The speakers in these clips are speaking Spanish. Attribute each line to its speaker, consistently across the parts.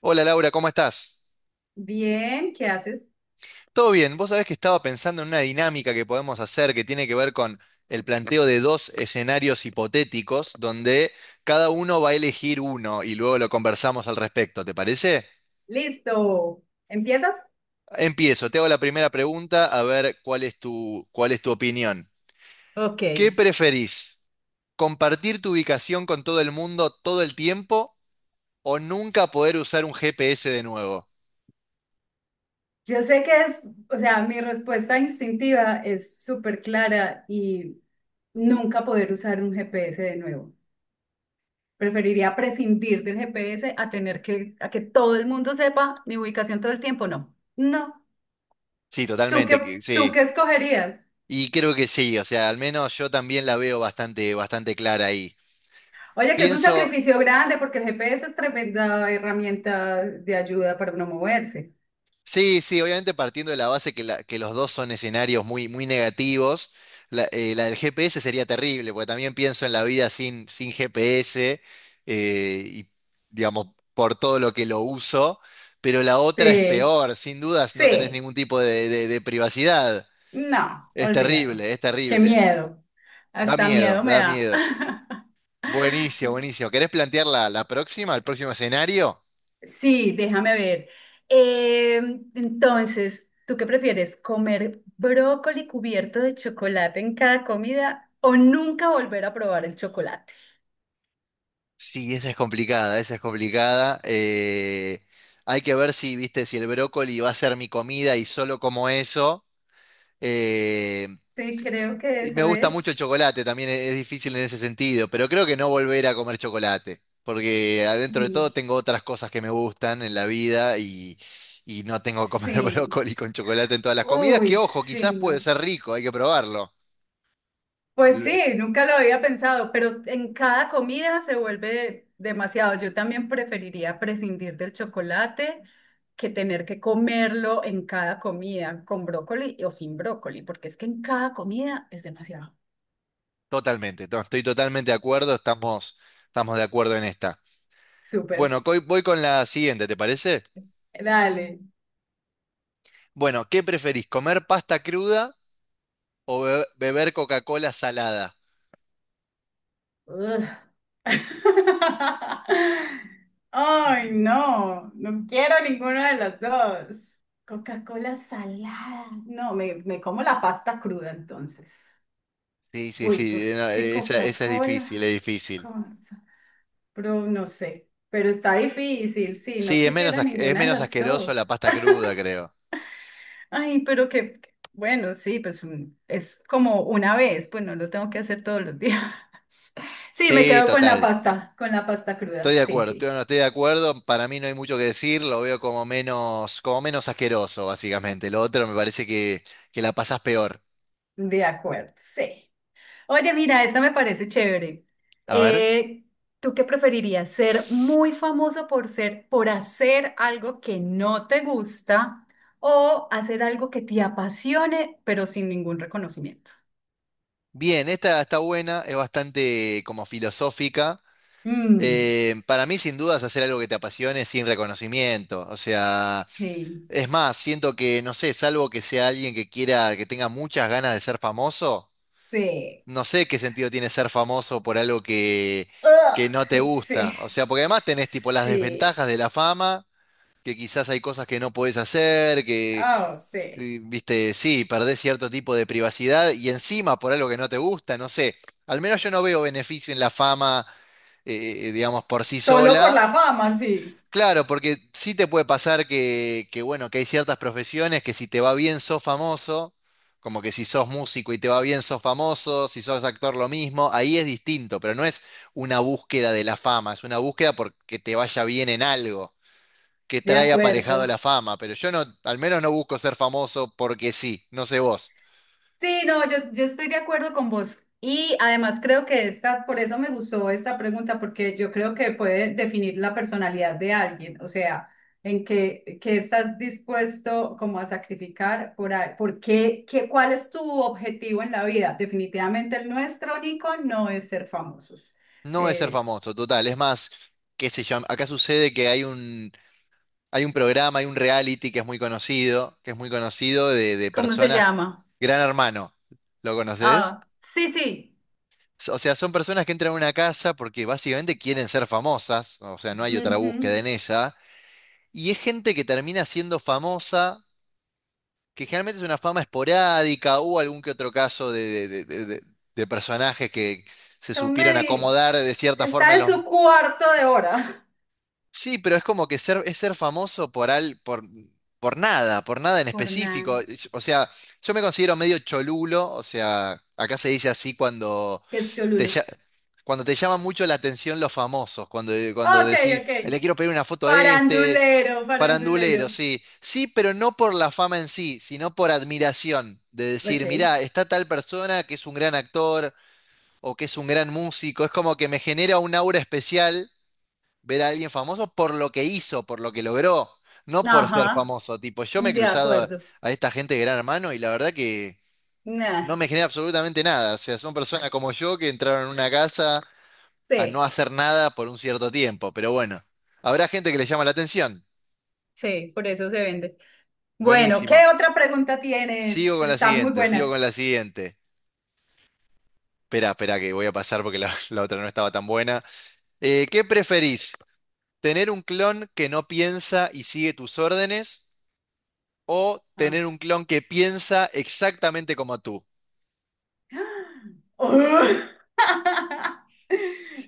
Speaker 1: Hola Laura, ¿cómo estás?
Speaker 2: Bien, ¿qué haces?
Speaker 1: Todo bien, vos sabés que estaba pensando en una dinámica que podemos hacer que tiene que ver con el planteo de dos escenarios hipotéticos donde cada uno va a elegir uno y luego lo conversamos al respecto, ¿te parece?
Speaker 2: Listo. ¿Empiezas?
Speaker 1: Empiezo, te hago la primera pregunta a ver cuál es tu opinión.
Speaker 2: Ok.
Speaker 1: ¿Qué preferís? ¿Compartir tu ubicación con todo el mundo todo el tiempo o nunca poder usar un GPS de nuevo?
Speaker 2: Yo sé que es, o sea, mi respuesta instintiva es súper clara y nunca poder usar un GPS de nuevo. Preferiría prescindir del GPS a tener que todo el mundo sepa mi ubicación todo el tiempo. No, no.
Speaker 1: Sí,
Speaker 2: ¿Tú qué,
Speaker 1: totalmente,
Speaker 2: ¿tú
Speaker 1: sí.
Speaker 2: qué escogerías?
Speaker 1: Y creo que sí, o sea, al menos yo también la veo bastante clara ahí.
Speaker 2: Oye, que es un
Speaker 1: Pienso,
Speaker 2: sacrificio grande porque el GPS es tremenda herramienta de ayuda para uno moverse.
Speaker 1: sí, obviamente partiendo de la base que los dos son escenarios muy negativos, la del GPS sería terrible, porque también pienso en la vida sin GPS, eh, y, digamos, por todo lo que lo uso, pero la otra es
Speaker 2: Sí.
Speaker 1: peor, sin dudas no tenés
Speaker 2: Sí.
Speaker 1: ningún tipo de privacidad.
Speaker 2: No,
Speaker 1: Es
Speaker 2: olvídalo.
Speaker 1: terrible, es
Speaker 2: Qué
Speaker 1: terrible.
Speaker 2: miedo.
Speaker 1: Da
Speaker 2: Hasta
Speaker 1: miedo,
Speaker 2: miedo me
Speaker 1: da
Speaker 2: da.
Speaker 1: miedo. Buenísimo, buenísimo. ¿Querés plantear la próxima, el próximo escenario?
Speaker 2: Sí, déjame ver. Eh, entonces, ¿tú qué prefieres? ¿Comer brócoli cubierto de chocolate en cada comida o nunca volver a probar el chocolate?
Speaker 1: Sí, esa es complicada, esa es complicada. Hay que ver si el brócoli va a ser mi comida y solo como eso. Eh,
Speaker 2: Sí, creo que
Speaker 1: y me
Speaker 2: eso
Speaker 1: gusta mucho el
Speaker 2: es.
Speaker 1: chocolate, también es difícil en ese sentido, pero creo que no volver a comer chocolate, porque adentro de todo
Speaker 2: Sí,
Speaker 1: tengo otras cosas que me gustan en la vida y no tengo que comer
Speaker 2: sí.
Speaker 1: brócoli con chocolate en todas las comidas, que
Speaker 2: Uy,
Speaker 1: ojo,
Speaker 2: sí,
Speaker 1: quizás puede
Speaker 2: no.
Speaker 1: ser rico, hay que probarlo.
Speaker 2: Pues sí, nunca lo había pensado, pero en cada comida se vuelve demasiado. Yo también preferiría prescindir del chocolate que tener que comerlo en cada comida, con brócoli o sin brócoli, porque es que en cada comida es demasiado.
Speaker 1: Totalmente, estoy totalmente de estamos de acuerdo en esta.
Speaker 2: Súper,
Speaker 1: Bueno, voy con la siguiente, ¿te parece?
Speaker 2: dale.
Speaker 1: Bueno, ¿qué preferís, comer pasta cruda o beber Coca-Cola salada?
Speaker 2: Ugh. Ay, no, no quiero ninguna de las dos. Coca-Cola salada. No, me como la pasta cruda entonces.
Speaker 1: Sí, sí,
Speaker 2: Uy,
Speaker 1: sí,
Speaker 2: porque
Speaker 1: no,
Speaker 2: es que
Speaker 1: esa, esa es difícil, es
Speaker 2: Coca-Cola,
Speaker 1: difícil.
Speaker 2: con- pero no sé, pero está difícil, sí, no
Speaker 1: Sí, es
Speaker 2: quisiera
Speaker 1: es
Speaker 2: ninguna de
Speaker 1: menos
Speaker 2: las
Speaker 1: asqueroso
Speaker 2: dos.
Speaker 1: la pasta cruda, creo.
Speaker 2: Ay, pero que, bueno, sí, pues un- es como una vez, pues no lo tengo que hacer todos los días. Sí, me
Speaker 1: Sí,
Speaker 2: quedo
Speaker 1: total.
Speaker 2: con la pasta cruda,
Speaker 1: Estoy de
Speaker 2: sí,
Speaker 1: acuerdo, estoy,
Speaker 2: sí,
Speaker 1: no, estoy de acuerdo. Para mí no hay mucho que decir, lo veo como como menos asqueroso, básicamente. Lo otro me parece que la pasás peor.
Speaker 2: de acuerdo, sí. Oye, mira, esta me parece chévere.
Speaker 1: A ver.
Speaker 2: Eh, ¿Tú qué preferirías? ¿Ser muy famoso por hacer algo que no te gusta o hacer algo que te apasione, pero sin ningún reconocimiento?
Speaker 1: Bien, esta está buena, es bastante como filosófica.
Speaker 2: Mm,
Speaker 1: Para mí, sin dudas, hacer algo que te apasione sin reconocimiento. O sea,
Speaker 2: sí,
Speaker 1: es más, siento que, no sé, salvo que sea alguien que que tenga muchas ganas de ser famoso,
Speaker 2: sí.
Speaker 1: no sé qué sentido tiene ser famoso por algo que no te
Speaker 2: Ugh,
Speaker 1: gusta.
Speaker 2: sí,
Speaker 1: O sea, porque además tenés tipo las
Speaker 2: sí.
Speaker 1: desventajas de la fama que quizás hay cosas que no podés
Speaker 2: Oh, sí.
Speaker 1: viste, sí, perdés cierto tipo de privacidad y encima por algo que no te gusta, no sé. Al menos yo no veo beneficio en la fama, digamos, por sí
Speaker 2: Solo por
Speaker 1: sola.
Speaker 2: la fama, sí.
Speaker 1: Claro, porque sí te puede bueno, que hay ciertas profesiones que si te va bien sos famoso, como que si sos músico y te va bien sos famoso, si sos actor lo mismo, ahí es distinto, pero no es una búsqueda de la fama, es una búsqueda porque te vaya bien en algo que
Speaker 2: De
Speaker 1: trae aparejado
Speaker 2: acuerdo.
Speaker 1: la fama, pero yo no, al menos no busco ser famoso porque sí, no sé vos.
Speaker 2: Sí, no, yo estoy de acuerdo con vos. Y además creo que esta, por eso me gustó esta pregunta, porque yo creo que puede definir la personalidad de alguien, o sea, qué estás dispuesto como a sacrificar por, a- por qué, qué, cuál es tu objetivo en la vida. Definitivamente el nuestro, Nico, no es ser famosos.
Speaker 1: No es ser
Speaker 2: Eh,
Speaker 1: famoso, total. Es más, qué sé yo, acá sucede que hay hay un programa, hay un reality que es muy conocido, que es muy conocido de
Speaker 2: ¿Cómo se
Speaker 1: personas,
Speaker 2: llama?
Speaker 1: Gran Hermano, ¿lo conoces?
Speaker 2: Ah, sí, sí.
Speaker 1: O sea, son personas que entran a una casa porque básicamente quieren ser famosas, o sea, no hay otra búsqueda
Speaker 2: Ujú.
Speaker 1: en esa, y es gente que termina siendo famosa que generalmente es una fama esporádica, o algún que otro caso de personajes que se
Speaker 2: Tom
Speaker 1: supieron
Speaker 2: Medi
Speaker 1: acomodar de cierta forma
Speaker 2: está
Speaker 1: en
Speaker 2: en
Speaker 1: los...
Speaker 2: su cuarto de hora.
Speaker 1: Sí, pero es como que ser, es ser famoso por nada en
Speaker 2: Por nada.
Speaker 1: específico. O sea, yo me considero medio cholulo, o sea, acá se dice así cuando
Speaker 2: Que es
Speaker 1: te,
Speaker 2: Cholulo.
Speaker 1: lla- cuando te llama mucho la atención los famosos, cuando
Speaker 2: Ok, ok.
Speaker 1: decís, le quiero pedir una foto a este."
Speaker 2: Farandulero, farandulero.
Speaker 1: Farandulero, sí. Sí, pero no por la fama en sí, sino por admiración. De decir,
Speaker 2: Ok.
Speaker 1: mirá, está tal persona que es un gran actor o que es un gran músico. Es como que me genera un aura especial ver a alguien famoso por lo que hizo, por lo que logró, no por ser
Speaker 2: Ajá,
Speaker 1: famoso. Tipo, yo me he
Speaker 2: de
Speaker 1: cruzado
Speaker 2: acuerdo.
Speaker 1: a esta gente de Gran Hermano y la verdad que
Speaker 2: Nah,
Speaker 1: no me genera absolutamente nada. O sea, son personas como yo que entraron en una casa a no
Speaker 2: sí,
Speaker 1: hacer nada por un cierto tiempo. Pero bueno, habrá gente que le llama la atención.
Speaker 2: sí, por eso se vende. Bueno, ¿qué
Speaker 1: Buenísimo.
Speaker 2: otra pregunta
Speaker 1: Sigo
Speaker 2: tienes?
Speaker 1: con la
Speaker 2: Están muy
Speaker 1: siguiente, sigo
Speaker 2: buenas.
Speaker 1: con la siguiente. Espera, espera, que voy a pasar porque la otra no estaba tan buena. ¿Qué preferís? ¿Tener un clon que no piensa y sigue tus órdenes? ¿O
Speaker 2: Ah,
Speaker 1: tener un clon que piensa exactamente como tú?
Speaker 2: ¡ugh!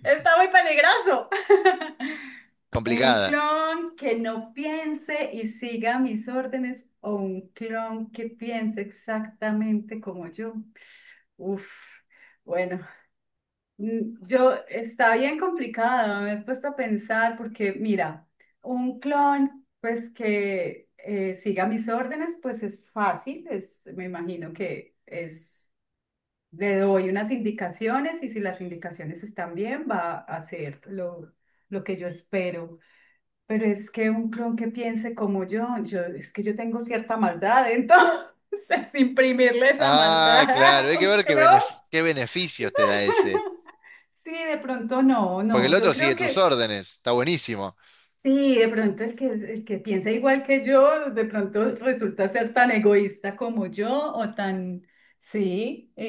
Speaker 2: Está muy peligroso. Un
Speaker 1: Complicada.
Speaker 2: clon que no piense y siga mis órdenes o un clon que piense exactamente como yo. Uf, bueno, mm, yo está bien complicado, me has puesto a pensar porque mira, un clon pues que siga mis órdenes pues es fácil, es, me imagino que es, le doy unas indicaciones y si las indicaciones están bien va a hacer lo que yo espero, pero es que un clon que piense como yo es que yo tengo cierta maldad, entonces imprimirle esa
Speaker 1: Ah,
Speaker 2: maldad
Speaker 1: claro, hay
Speaker 2: a
Speaker 1: que
Speaker 2: un
Speaker 1: ver qué
Speaker 2: clon.
Speaker 1: qué beneficios te da ese.
Speaker 2: Sí, de pronto no,
Speaker 1: Porque
Speaker 2: no.
Speaker 1: el
Speaker 2: Yo
Speaker 1: otro
Speaker 2: creo
Speaker 1: sigue tus
Speaker 2: que
Speaker 1: órdenes, está buenísimo.
Speaker 2: sí, de pronto el que piensa igual que yo, de pronto resulta ser tan egoísta como yo o tan, sí, y,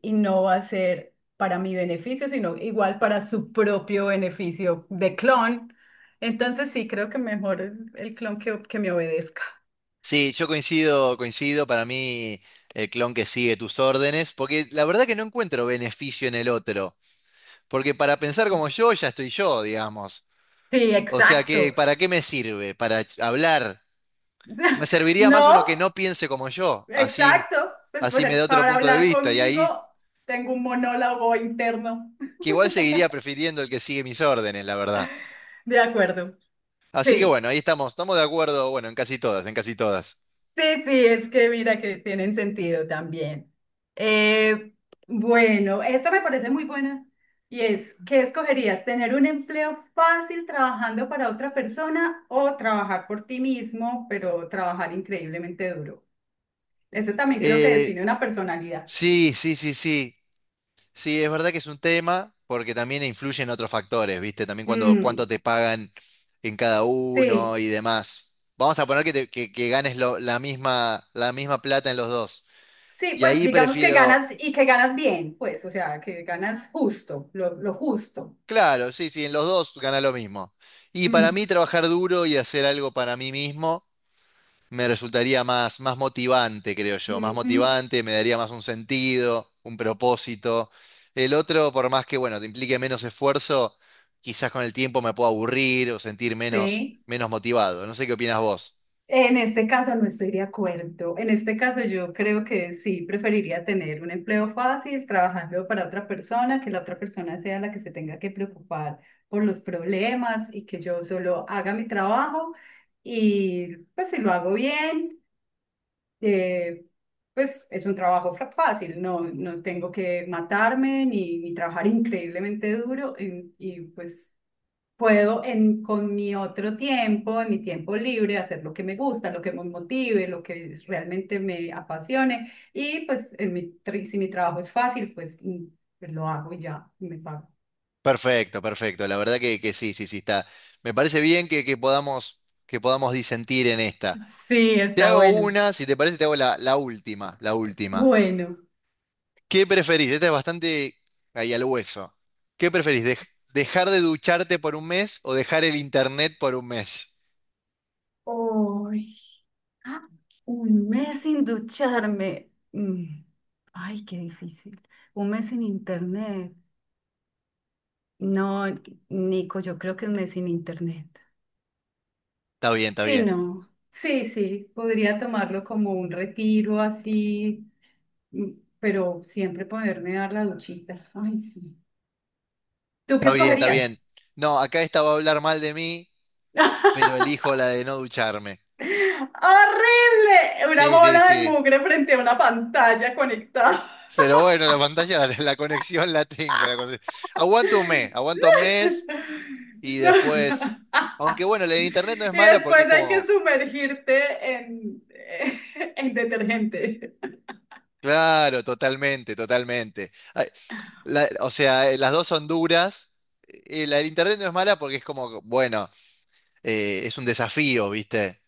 Speaker 2: y, y no va a ser para mi beneficio, sino igual para su propio beneficio de clon. Entonces sí, creo que mejor el clon que me obedezca.
Speaker 1: Sí, yo coincido, coincido, para mí el clon que sigue tus órdenes, porque la verdad que no encuentro beneficio en el otro. Porque para pensar como yo, ya estoy yo, digamos.
Speaker 2: Sí,
Speaker 1: O sea que,
Speaker 2: exacto.
Speaker 1: ¿para qué me sirve? Para hablar. Me serviría más uno
Speaker 2: No,
Speaker 1: que no piense como yo. Así,
Speaker 2: exacto. Pues
Speaker 1: así me da otro
Speaker 2: para
Speaker 1: punto de
Speaker 2: hablar
Speaker 1: vista. Y
Speaker 2: conmigo
Speaker 1: ahí,
Speaker 2: tengo un monólogo interno.
Speaker 1: que igual seguiría prefiriendo el que sigue mis órdenes, la verdad.
Speaker 2: De acuerdo.
Speaker 1: Así que
Speaker 2: Sí,
Speaker 1: bueno, ahí estamos. Estamos de acuerdo, bueno, en casi todas, en casi todas.
Speaker 2: sí, sí, es que mira que tienen sentido también. Eh, bueno, esta me parece muy buena y es, ¿qué escogerías? ¿Tener un empleo fácil trabajando para otra persona o trabajar por ti mismo, pero trabajar increíblemente duro? Eso también creo que
Speaker 1: Eh,
Speaker 2: define una personalidad.
Speaker 1: sí. Sí, es verdad que es un tema porque también influyen otros factores, ¿viste? También
Speaker 2: Mm,
Speaker 1: cuánto te pagan en cada uno
Speaker 2: sí,
Speaker 1: y demás. Vamos a poner que ganes la misma plata en los dos.
Speaker 2: sí,
Speaker 1: Y
Speaker 2: pues
Speaker 1: ahí
Speaker 2: digamos que ganas y que ganas bien, pues, o sea, que ganas justo, lo justo.
Speaker 1: claro, sí, en los dos gana lo mismo. Y para
Speaker 2: Mm,
Speaker 1: mí trabajar duro y hacer algo para mí mismo me resultaría más motivante, creo yo, más
Speaker 2: mm, mm,
Speaker 1: motivante, me daría más un sentido, un propósito. El otro, por más que, bueno, te implique menos esfuerzo, quizás con el tiempo me pueda aburrir o sentir
Speaker 2: sí.
Speaker 1: menos motivado. No sé qué opinas vos.
Speaker 2: En este caso no estoy de acuerdo. En este caso yo creo que sí preferiría tener un empleo fácil trabajando para otra persona, que la otra persona sea la que se tenga que preocupar por los problemas y que yo solo haga mi trabajo y pues si lo hago bien eh, pues es un trabajo fra- fácil, no, no tengo que matarme ni trabajar increíblemente duro en- y pues puedo en, con mi otro tiempo, en mi tiempo libre, hacer lo que me gusta, lo que me motive, lo que realmente me apasione y pues en mi, tri- si mi trabajo es fácil, pues, mm, pues lo hago y ya me pago.
Speaker 1: Perfecto, perfecto. La verdad sí, está. Me parece bien que podamos disentir en esta.
Speaker 2: Sí,
Speaker 1: Te
Speaker 2: está
Speaker 1: hago
Speaker 2: bueno.
Speaker 1: una, si te parece, te hago la última, la última.
Speaker 2: Bueno.
Speaker 1: ¿Qué preferís? Esta es bastante ahí al hueso. ¿Qué preferís? ¿Dejar de ducharte por un mes o dejar el internet por un mes?
Speaker 2: Uy, ah, un mes sin ducharme. Mm, ay, qué difícil. Un mes sin internet. No, Nico, yo creo que un mes sin internet.
Speaker 1: Está bien, está
Speaker 2: Sí,
Speaker 1: bien.
Speaker 2: no. Sí, sí, podría tomarlo como un retiro así, mm, pero siempre poderme dar la duchita. Ay, sí. ¿Tú qué
Speaker 1: Está bien, está
Speaker 2: escogerías?
Speaker 1: bien. No, acá esta va a hablar mal de mí, pero elijo la de no ducharme.
Speaker 2: ¡Horrible! Una
Speaker 1: Sí, sí,
Speaker 2: bola de
Speaker 1: sí.
Speaker 2: mugre frente a una pantalla conectada.
Speaker 1: Pero bueno, la pantalla, la conexión la tengo. Aguanto un mes,
Speaker 2: No.
Speaker 1: aguanto un mes y después. Aunque bueno, la de internet no es
Speaker 2: Y
Speaker 1: mala porque
Speaker 2: después
Speaker 1: es
Speaker 2: hay que
Speaker 1: como.
Speaker 2: sumergirte en detergente.
Speaker 1: Claro, totalmente, totalmente. Ay, o sea, las dos son duras. La del internet no es mala porque es como, bueno, es un desafío, ¿viste?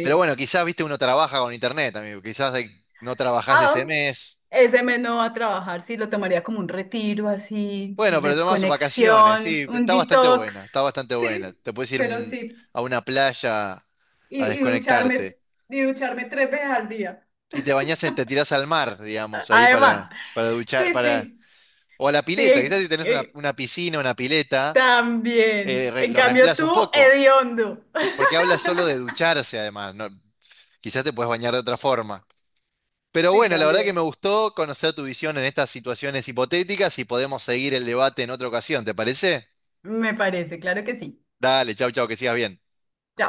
Speaker 1: Pero bueno, quizás, viste, uno trabaja con internet, amigo. Quizás no trabajás
Speaker 2: Ah,
Speaker 1: ese mes.
Speaker 2: ese me no va a trabajar, sí, lo tomaría como un retiro así,
Speaker 1: Bueno, pero tomás vacaciones,
Speaker 2: desconexión,
Speaker 1: sí.
Speaker 2: un
Speaker 1: Está bastante buena, está
Speaker 2: detox.
Speaker 1: bastante buena.
Speaker 2: Sí,
Speaker 1: Te puedes ir
Speaker 2: pero sí.
Speaker 1: a una playa
Speaker 2: Y,
Speaker 1: a
Speaker 2: y
Speaker 1: desconectarte.
Speaker 2: ducharme, y ducharme 3 veces al día.
Speaker 1: Y te bañás, te tirás al mar, digamos, ahí
Speaker 2: Además,
Speaker 1: para duchar,
Speaker 2: sí,
Speaker 1: para...
Speaker 2: sí,
Speaker 1: O a la pileta, quizás
Speaker 2: sí,
Speaker 1: si tenés una piscina, una pileta.
Speaker 2: también. En
Speaker 1: Lo
Speaker 2: cambio,
Speaker 1: reemplaza
Speaker 2: tú,
Speaker 1: un poco,
Speaker 2: hediondo.
Speaker 1: porque habla solo de ducharse además, ¿no? Quizás te puedes bañar de otra forma. Pero
Speaker 2: Sí,
Speaker 1: bueno, la verdad que me
Speaker 2: también.
Speaker 1: gustó conocer tu visión en estas situaciones hipotéticas y podemos seguir el debate en otra ocasión, ¿te parece?
Speaker 2: Me parece, claro que sí.
Speaker 1: Dale, chau, chau, que sigas bien.
Speaker 2: Chao.